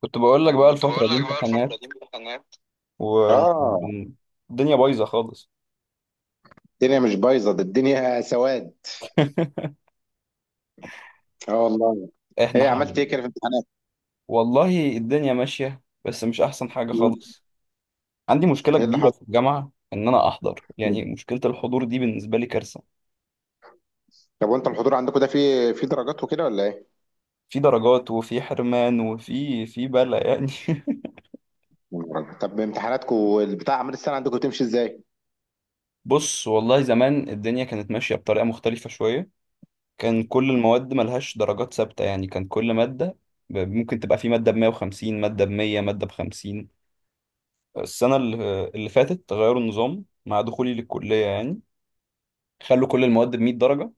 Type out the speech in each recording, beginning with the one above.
كنت بقول لك بقى كنت الفترة بقول دي لك. امتحانات، اه، والدنيا بايظة خالص. الدنيا مش بايظه، ده الدنيا سواد. اه والله. احنا ايه عملت ايه حل. كده في الامتحانات؟ والله الدنيا ماشية، بس مش أحسن حاجة مم. خالص. عندي مشكلة ايه اللي كبيرة حصل؟ في الجامعة إن أنا أحضر، يعني مشكلة الحضور دي بالنسبة لي كارثة. طب وانت الحضور عندكم ده فيه في درجات وكده ولا ايه؟ في درجات وفي حرمان وفي بلا يعني. طب امتحاناتكم البتاع اعمال السنه عندكم تمشي ازاي؟ بص، والله زمان الدنيا كانت ماشية بطريقة مختلفة شوية. كان كل المواد ملهاش درجات ثابتة، يعني كان كل مادة ممكن تبقى في مادة ب 150، مادة ب 100، مادة ب 50. فالسنة اللي فاتت غيروا النظام مع دخولي للكلية، يعني خلوا كل المواد ب 100 درجة.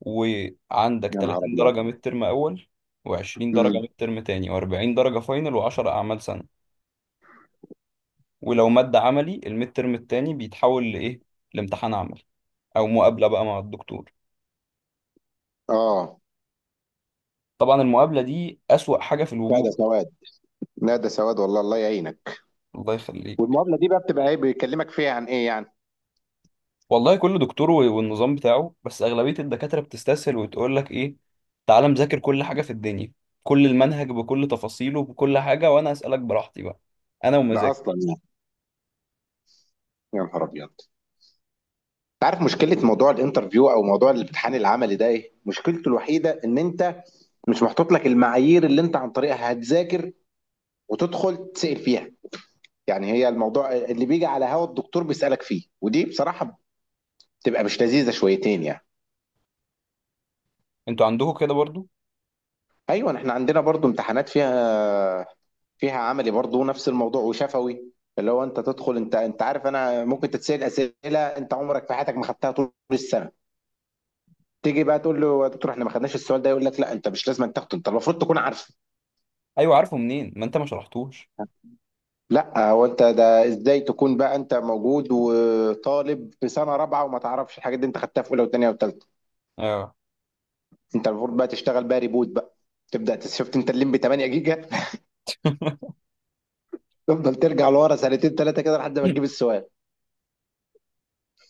وعندك يا نهار 30 درجة ابيض. ميد ترم أول، و20 درجة امم ميد ترم تاني، و40 درجة فاينل، و10 أعمال سنة. ولو مادة عملي، الميد ترم التاني بيتحول لإيه؟ لامتحان عملي أو مقابلة بقى مع الدكتور. اه، طبعا المقابلة دي أسوأ حاجة في لا ده الوجود. سواد، لا ده سواد والله، الله يعينك. الله يخليك. والمقابله دي بقى بتبقى ايه، بيكلمك فيها عن ايه يعني؟ والله كل دكتور والنظام بتاعه، بس أغلبية الدكاترة بتستسهل وتقول لك إيه، تعالى مذاكر كل حاجة في الدنيا، كل المنهج بكل تفاصيله بكل حاجة، وأنا أسألك براحتي بقى، أنا ده ومزاجي. اصلا يعني. يا نهار ابيض. انت عارف مشكله موضوع الانترفيو او موضوع الامتحان العملي ده ايه مشكلته الوحيده؟ ان انت مش محطوط لك المعايير اللي انت عن طريقها هتذاكر وتدخل تسأل فيها. يعني هي الموضوع اللي بيجي على هوا الدكتور بيسألك فيه، ودي بصراحة بتبقى مش لذيذة شويتين يعني. أنتوا عندكم كده برضو؟ ايوه احنا عندنا برضو امتحانات فيها عملي برضو نفس الموضوع وشفوي، اللي هو انت تدخل، انت عارف، انا ممكن تتسأل اسئله انت عمرك في حياتك ما خدتها طول السنه. تيجي بقى تقول له يا دكتور احنا ما خدناش السؤال ده، يقول لك لا انت مش لازم أن تاخده، انت المفروض تكون عارفه. أيوة، عارفه منين؟ ما أنت ما شرحتوش. لا، هو انت ده ازاي تكون بقى انت موجود وطالب في سنه رابعه وما تعرفش الحاجات دي، انت خدتها في اولى وثانيه وثالثه. آه. انت المفروض بقى تشتغل بقى ريبوت بقى، شفت انت الليمبي 8 جيجا؟ تفضل ترجع لورا 2 3 كده لحد ما تجيب السؤال.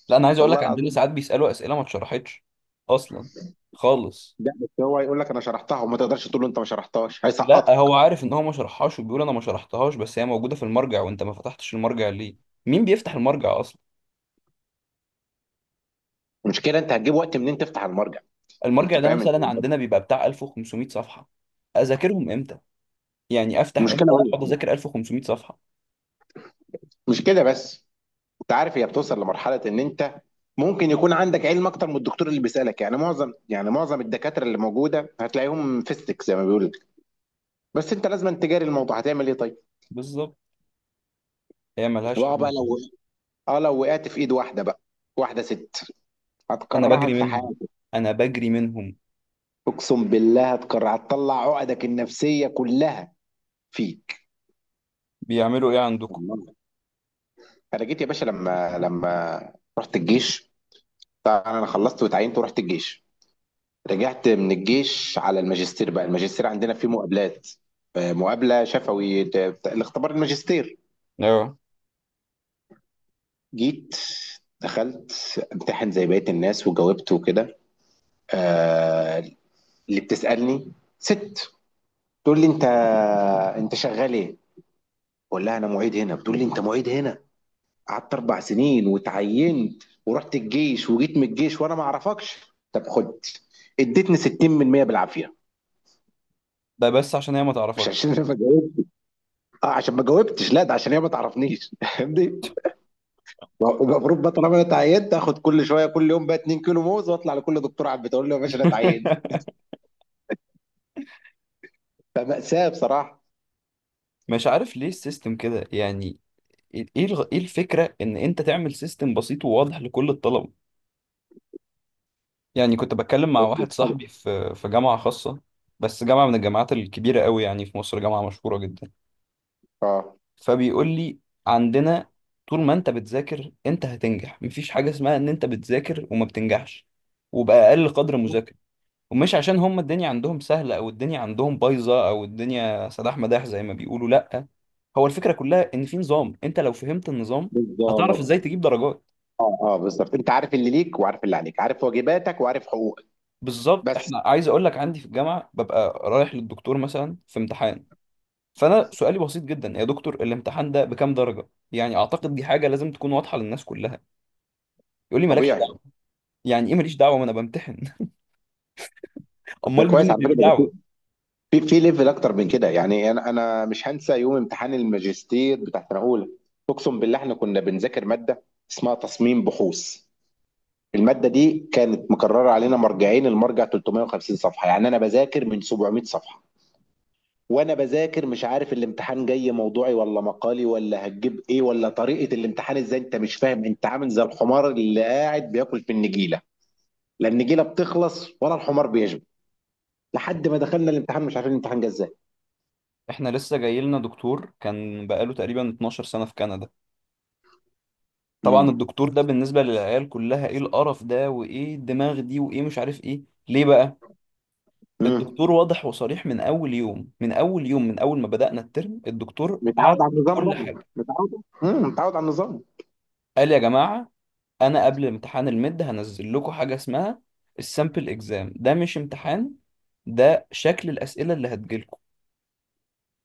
لا، أنا عايز أقول والله لك عندنا العظيم. ساعات بيسألوا أسئلة ما اتشرحتش أصلا خالص. لا بس هو هيقول لك انا شرحتها وما تقدرش تقول له انت ما شرحتهاش، لا، هو هيسقطك. عارف إن هو ما شرحهاش وبيقول أنا ما شرحتهاش، بس هي موجودة في المرجع وأنت ما فتحتش المرجع ليه؟ مين بيفتح المرجع أصلا؟ المشكله انت هتجيب وقت منين تفتح المرجع؟ انت المرجع ده فاهم انت مثلا عندنا بيبقى بتاع 1500 صفحة. أذاكرهم إمتى؟ يعني أفتح المشكله إمتى أقعد وين؟ أذاكر 1500 صفحة؟ مش كده بس، انت عارف هي بتوصل لمرحله ان انت ممكن يكون عندك علم اكتر من الدكتور اللي بيسالك. يعني معظم الدكاتره اللي موجوده هتلاقيهم فيستك زي ما بيقولوا لك. بس انت لازم تجاري الموضوع، هتعمل ايه طيب؟ بالظبط، هي ملهاش واه بقى حل تاني. لو، اه لو وقعت في ايد واحده بقى، واحده ست، أنا هتكرهك بجري في منهم، حياتك. أنا بجري منهم. اقسم بالله هتكره، هتطلع عقدك النفسيه كلها فيك. بيعملوا إيه عندكم؟ والله، انا جيت يا باشا لما رحت الجيش. طبعا انا خلصت واتعينت ورحت الجيش، رجعت من الجيش على الماجستير. بقى الماجستير عندنا فيه مقابلات. مقابله شفوي، الاختبار الماجستير. اه، جيت دخلت امتحن زي بقيه الناس وجاوبت وكده. آه، اللي بتسالني ست، تقول لي انت شغال ايه؟ بقول لها انا معيد هنا، بتقول لي انت معيد هنا؟ قعدت 4 سنين وتعينت ورحت الجيش وجيت من الجيش وانا ما اعرفكش، طب خد. اديتني 60% بالعافيه. ده بس عشان هي ما مش تعرفك. عشان انا ما جاوبت، اه عشان ما جاوبتش، لا ده عشان هي ما تعرفنيش. فاهمني؟ المفروض بقى طالما انا اتعينت اخد كل شويه كل يوم بقى 2 كيلو موز واطلع لكل دكتور على البيت اقول له يا باشا انا اتعينت. فمأساة بصراحه. مش عارف ليه السيستم كده يعني. إيه الفكرة إن أنت تعمل سيستم بسيط وواضح لكل الطلبة. يعني كنت بتكلم مع واحد صاحبي في جامعة خاصة، بس جامعة من الجامعات الكبيرة قوي يعني في مصر، جامعة مشهورة جدا. اه فبيقول لي عندنا طول ما انت بتذاكر انت هتنجح، مفيش حاجة اسمها ان انت بتذاكر وما بتنجحش، وبأقل قدر مذاكرة. ومش عشان هم الدنيا عندهم سهلة او الدنيا عندهم بايظة او الدنيا سداح مداح زي ما بيقولوا، لا. هو الفكرة كلها ان في نظام، انت لو فهمت النظام هتعرف بالظبط. ازاي تجيب درجات. اه اه بالظبط، انت عارف اللي ليك وعارف اللي عليك، عارف واجباتك وعارف حقوقك. بالظبط بس احنا عايز اقول لك، عندي في الجامعة ببقى رايح للدكتور مثلا في امتحان، فانا سؤالي بسيط جدا، يا دكتور الامتحان ده بكام درجة؟ يعني اعتقد دي حاجة لازم تكون واضحة للناس كلها. يقول لي مالكش. طبيعي. يعني ايه ماليش دعوه؟ ما انا بمتحن. ده امال مين كويس على اللي فكره ليه ده، دعوه؟ في في ليفل اكتر من كده يعني. انا مش هنسى يوم امتحان الماجستير بتاع سنه 1. اقسم بالله احنا كنا بنذاكر ماده اسمها تصميم بحوث، الماده دي كانت مكرره علينا مرجعين، المرجع 350 صفحه، يعني انا بذاكر من 700 صفحه. وانا بذاكر مش عارف الامتحان جاي موضوعي ولا مقالي، ولا هتجيب ايه ولا طريقه الامتحان ازاي، انت مش فاهم. انت عامل زي الحمار اللي قاعد بياكل في النجيله، لا النجيله بتخلص ولا الحمار بيشبع. لحد ما دخلنا الامتحان مش عارفين الامتحان جه ازاي. احنا لسه جاي لنا دكتور كان بقاله تقريبا 12 سنه في كندا. طبعا امم الدكتور ده بالنسبه للعيال كلها، ايه القرف ده وايه الدماغ دي وايه مش عارف ايه. ليه بقى؟ امم الدكتور واضح وصريح من اول يوم، من اول يوم، من اول ما بدانا الترم الدكتور قعد متعود على في النظام كل بقى، حاجه. متعود على النظام. قال يا جماعه، انا قبل امتحان المد هنزل لكم حاجه اسمها السامبل اكزام، ده مش امتحان، ده شكل الاسئله اللي هتجيلكم.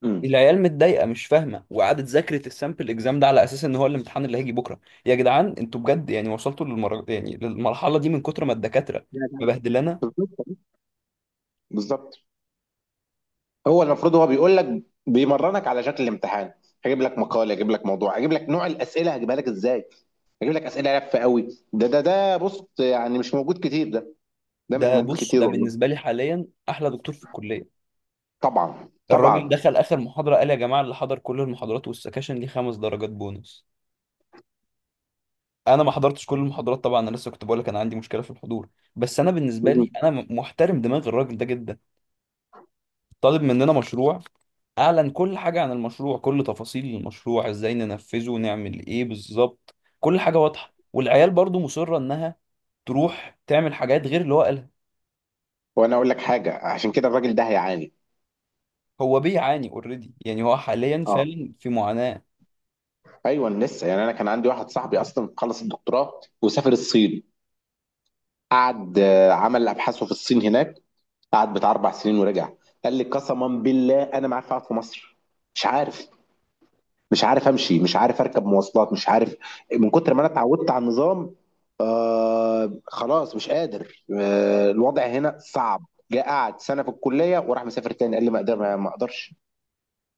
امم العيال متضايقه مش فاهمه، وقعدت ذاكرت السامبل اكزام ده على اساس ان هو الامتحان اللي هيجي بكره. يا جدعان، انتوا بجد يعني وصلتوا يعني للمرحله دي من كتر ما الدكاتره مبهدلانا. بالظبط، بالظبط. هو المفروض هو بيقول لك بيمرنك على شكل الامتحان. هجيب لك مقال، هجيب لك موضوع، هجيب لك نوع الاسئله، هجيبها لك ازاي، هجيب لك اسئله لفه قوي. ده بص، يعني مش موجود كتير ده، ده مش ده موجود بص، ده كتير والله. بالنسبه لي حاليا احلى دكتور في الكليه. طبعا الراجل طبعا. دخل اخر محاضره قال يا جماعه، اللي حضر كل المحاضرات والسكاشن ليه 5 درجات بونص. انا ما حضرتش كل المحاضرات طبعا، انا لسه كنت بقول لك انا عندي مشكله في الحضور، بس انا بالنسبه لي مم. انا محترم دماغ الراجل ده جدا. طالب مننا مشروع، اعلن كل حاجه عن المشروع، كل تفاصيل المشروع، ازاي ننفذه، نعمل ايه بالظبط، كل حاجه واضحه. والعيال برضو مصره انها تروح تعمل حاجات غير اللي هو قالها. وانا اقول لك حاجه، عشان كده الراجل ده هيعاني. هو بيعاني اوريدي، يعني هو حاليا اه فعلا في معاناه. ايوه لسه يعني. انا كان عندي واحد صاحبي اصلا خلص الدكتوراه وسافر الصين، قعد عمل ابحاثه في الصين هناك، قعد بتاع 4 سنين ورجع. قال لي قسما بالله انا ما عارف اقعد في مصر، مش عارف، مش عارف امشي، مش عارف اركب مواصلات، مش عارف، من كتر ما انا اتعودت على النظام. آه خلاص مش قادر، آه الوضع هنا صعب. جاء قعد سنه في الكليه وراح مسافر تاني، قال لي ما اقدر، ما اقدرش.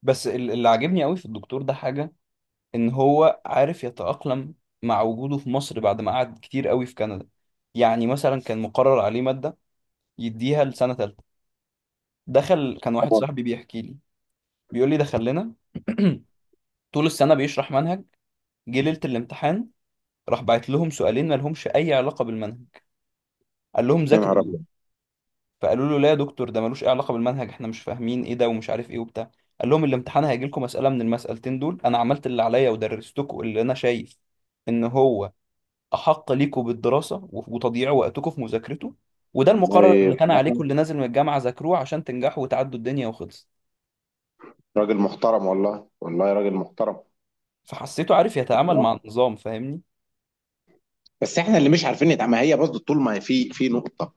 بس اللي عاجبني قوي في الدكتور ده حاجه، ان هو عارف يتاقلم مع وجوده في مصر بعد ما قعد كتير قوي في كندا. يعني مثلا كان مقرر عليه ماده يديها لسنه ثالثه. دخل، كان واحد طبعاً. صاحبي بيحكي لي، بيقول لي دخل لنا طول السنة بيشرح منهج. جه ليلة الامتحان راح بعت لهم سؤالين ما لهمش أي علاقة بالمنهج. قال لهم يا ذاكروا نهار دول. ابيض. فقالوا له لا يا دكتور، ده ملوش أي علاقة بالمنهج، احنا مش فاهمين إيه ده ومش عارف إيه وبتاع. قال لهم الامتحان هيجي لكم مسألة من المسألتين دول، أنا عملت اللي عليا ودرستكم اللي أنا شايف إن هو أحق ليكم بالدراسة وتضييع وقتكم في مذاكرته، وده المقرر اللي والله كان بصراحة عليكم اللي نازل من الجامعة، ذاكروه عشان تنجحوا وتعدوا الدنيا وخلص. راجل محترم، والله والله راجل محترم. فحسيته عارف يتعامل مع بصراحة. النظام، فاهمني؟ بس احنا اللي مش عارفين نتعامل. ما هي برضه طول ما في في نقطه،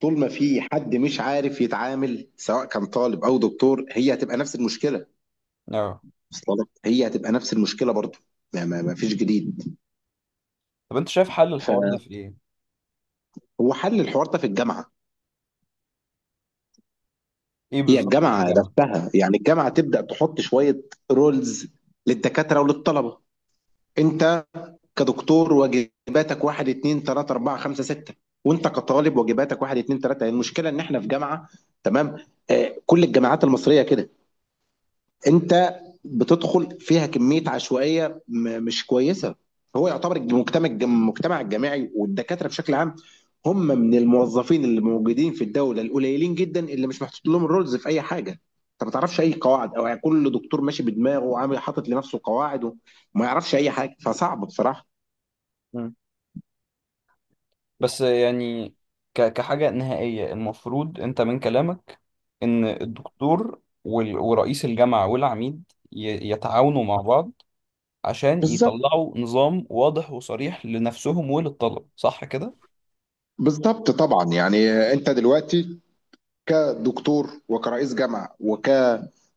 طول ما في حد مش عارف يتعامل سواء كان طالب او دكتور، هي هتبقى نفس المشكله. اه. وصل لك؟ هي هتبقى نفس المشكله برضه. ما فيش جديد. طب أنت شايف حل الحوار ده فهو في إيه؟ حل الحوار ده في الجامعه. إيه هي بالظبط في الجامعه الجامعة؟ نفسها، يعني الجامعه تبدا تحط شويه رولز للدكاتره وللطلبه. انت كدكتور واجباتك واحد اتنين تلاته اربعه خمسه سته، وانت كطالب واجباتك واحد اتنين تلاته. يعني المشكله ان احنا في جامعه، تمام؟ كل الجامعات المصريه كده، انت بتدخل فيها كميه عشوائيه مش كويسه. هو يعتبر المجتمع، المجتمع الجامعي والدكاتره بشكل عام، هم من الموظفين اللي موجودين في الدوله القليلين جدا اللي مش محطوط لهم الرولز في اي حاجه. انت ما تعرفش اي قواعد، او يعني كل دكتور ماشي بدماغه وعامل حاطط لنفسه قواعد وما يعرفش اي حاجه، فصعب بصراحه. مم. بس يعني كحاجة نهائية المفروض أنت من كلامك إن الدكتور ورئيس الجامعة والعميد يتعاونوا مع بعض عشان بالظبط. يطلعوا نظام واضح وصريح لنفسهم وللطلب، صح كده؟ بالظبط طبعا. يعني انت دلوقتي كدكتور وكرئيس جامعه وك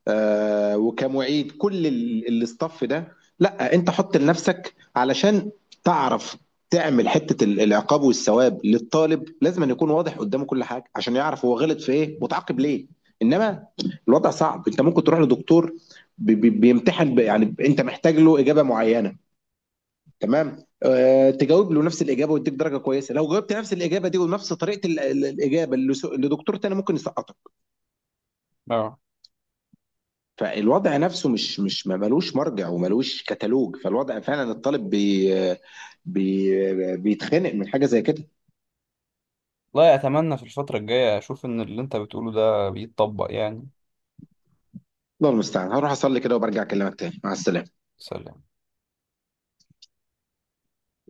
آه، وكمعيد، كل الاستاف ده، لا انت حط لنفسك علشان تعرف تعمل حته العقاب والثواب للطالب، لازم أن يكون واضح قدامه كل حاجه عشان يعرف هو غلط في ايه وتعاقب ليه. انما الوضع صعب، انت ممكن تروح لدكتور بيمتحن، يعني انت محتاج له اجابه معينه، تمام؟ أه تجاوب له نفس الاجابه ويديك درجه كويسه، لو جاوبت نفس الاجابه دي ونفس طريقه الاجابه لدكتور تاني ممكن يسقط. اه. فالوضع نفسه مش مش ما ملوش مرجع وملوش كتالوج. فالوضع فعلا الطالب بي بي بيتخنق من حاجه زي كده. والله أتمنى في الفترة الجاية أشوف إن اللي أنت بتقوله ده بيتطبق يعني. الله المستعان، هروح اصلي كده وبرجع اكلمك تاني. مع السلامه. سلام.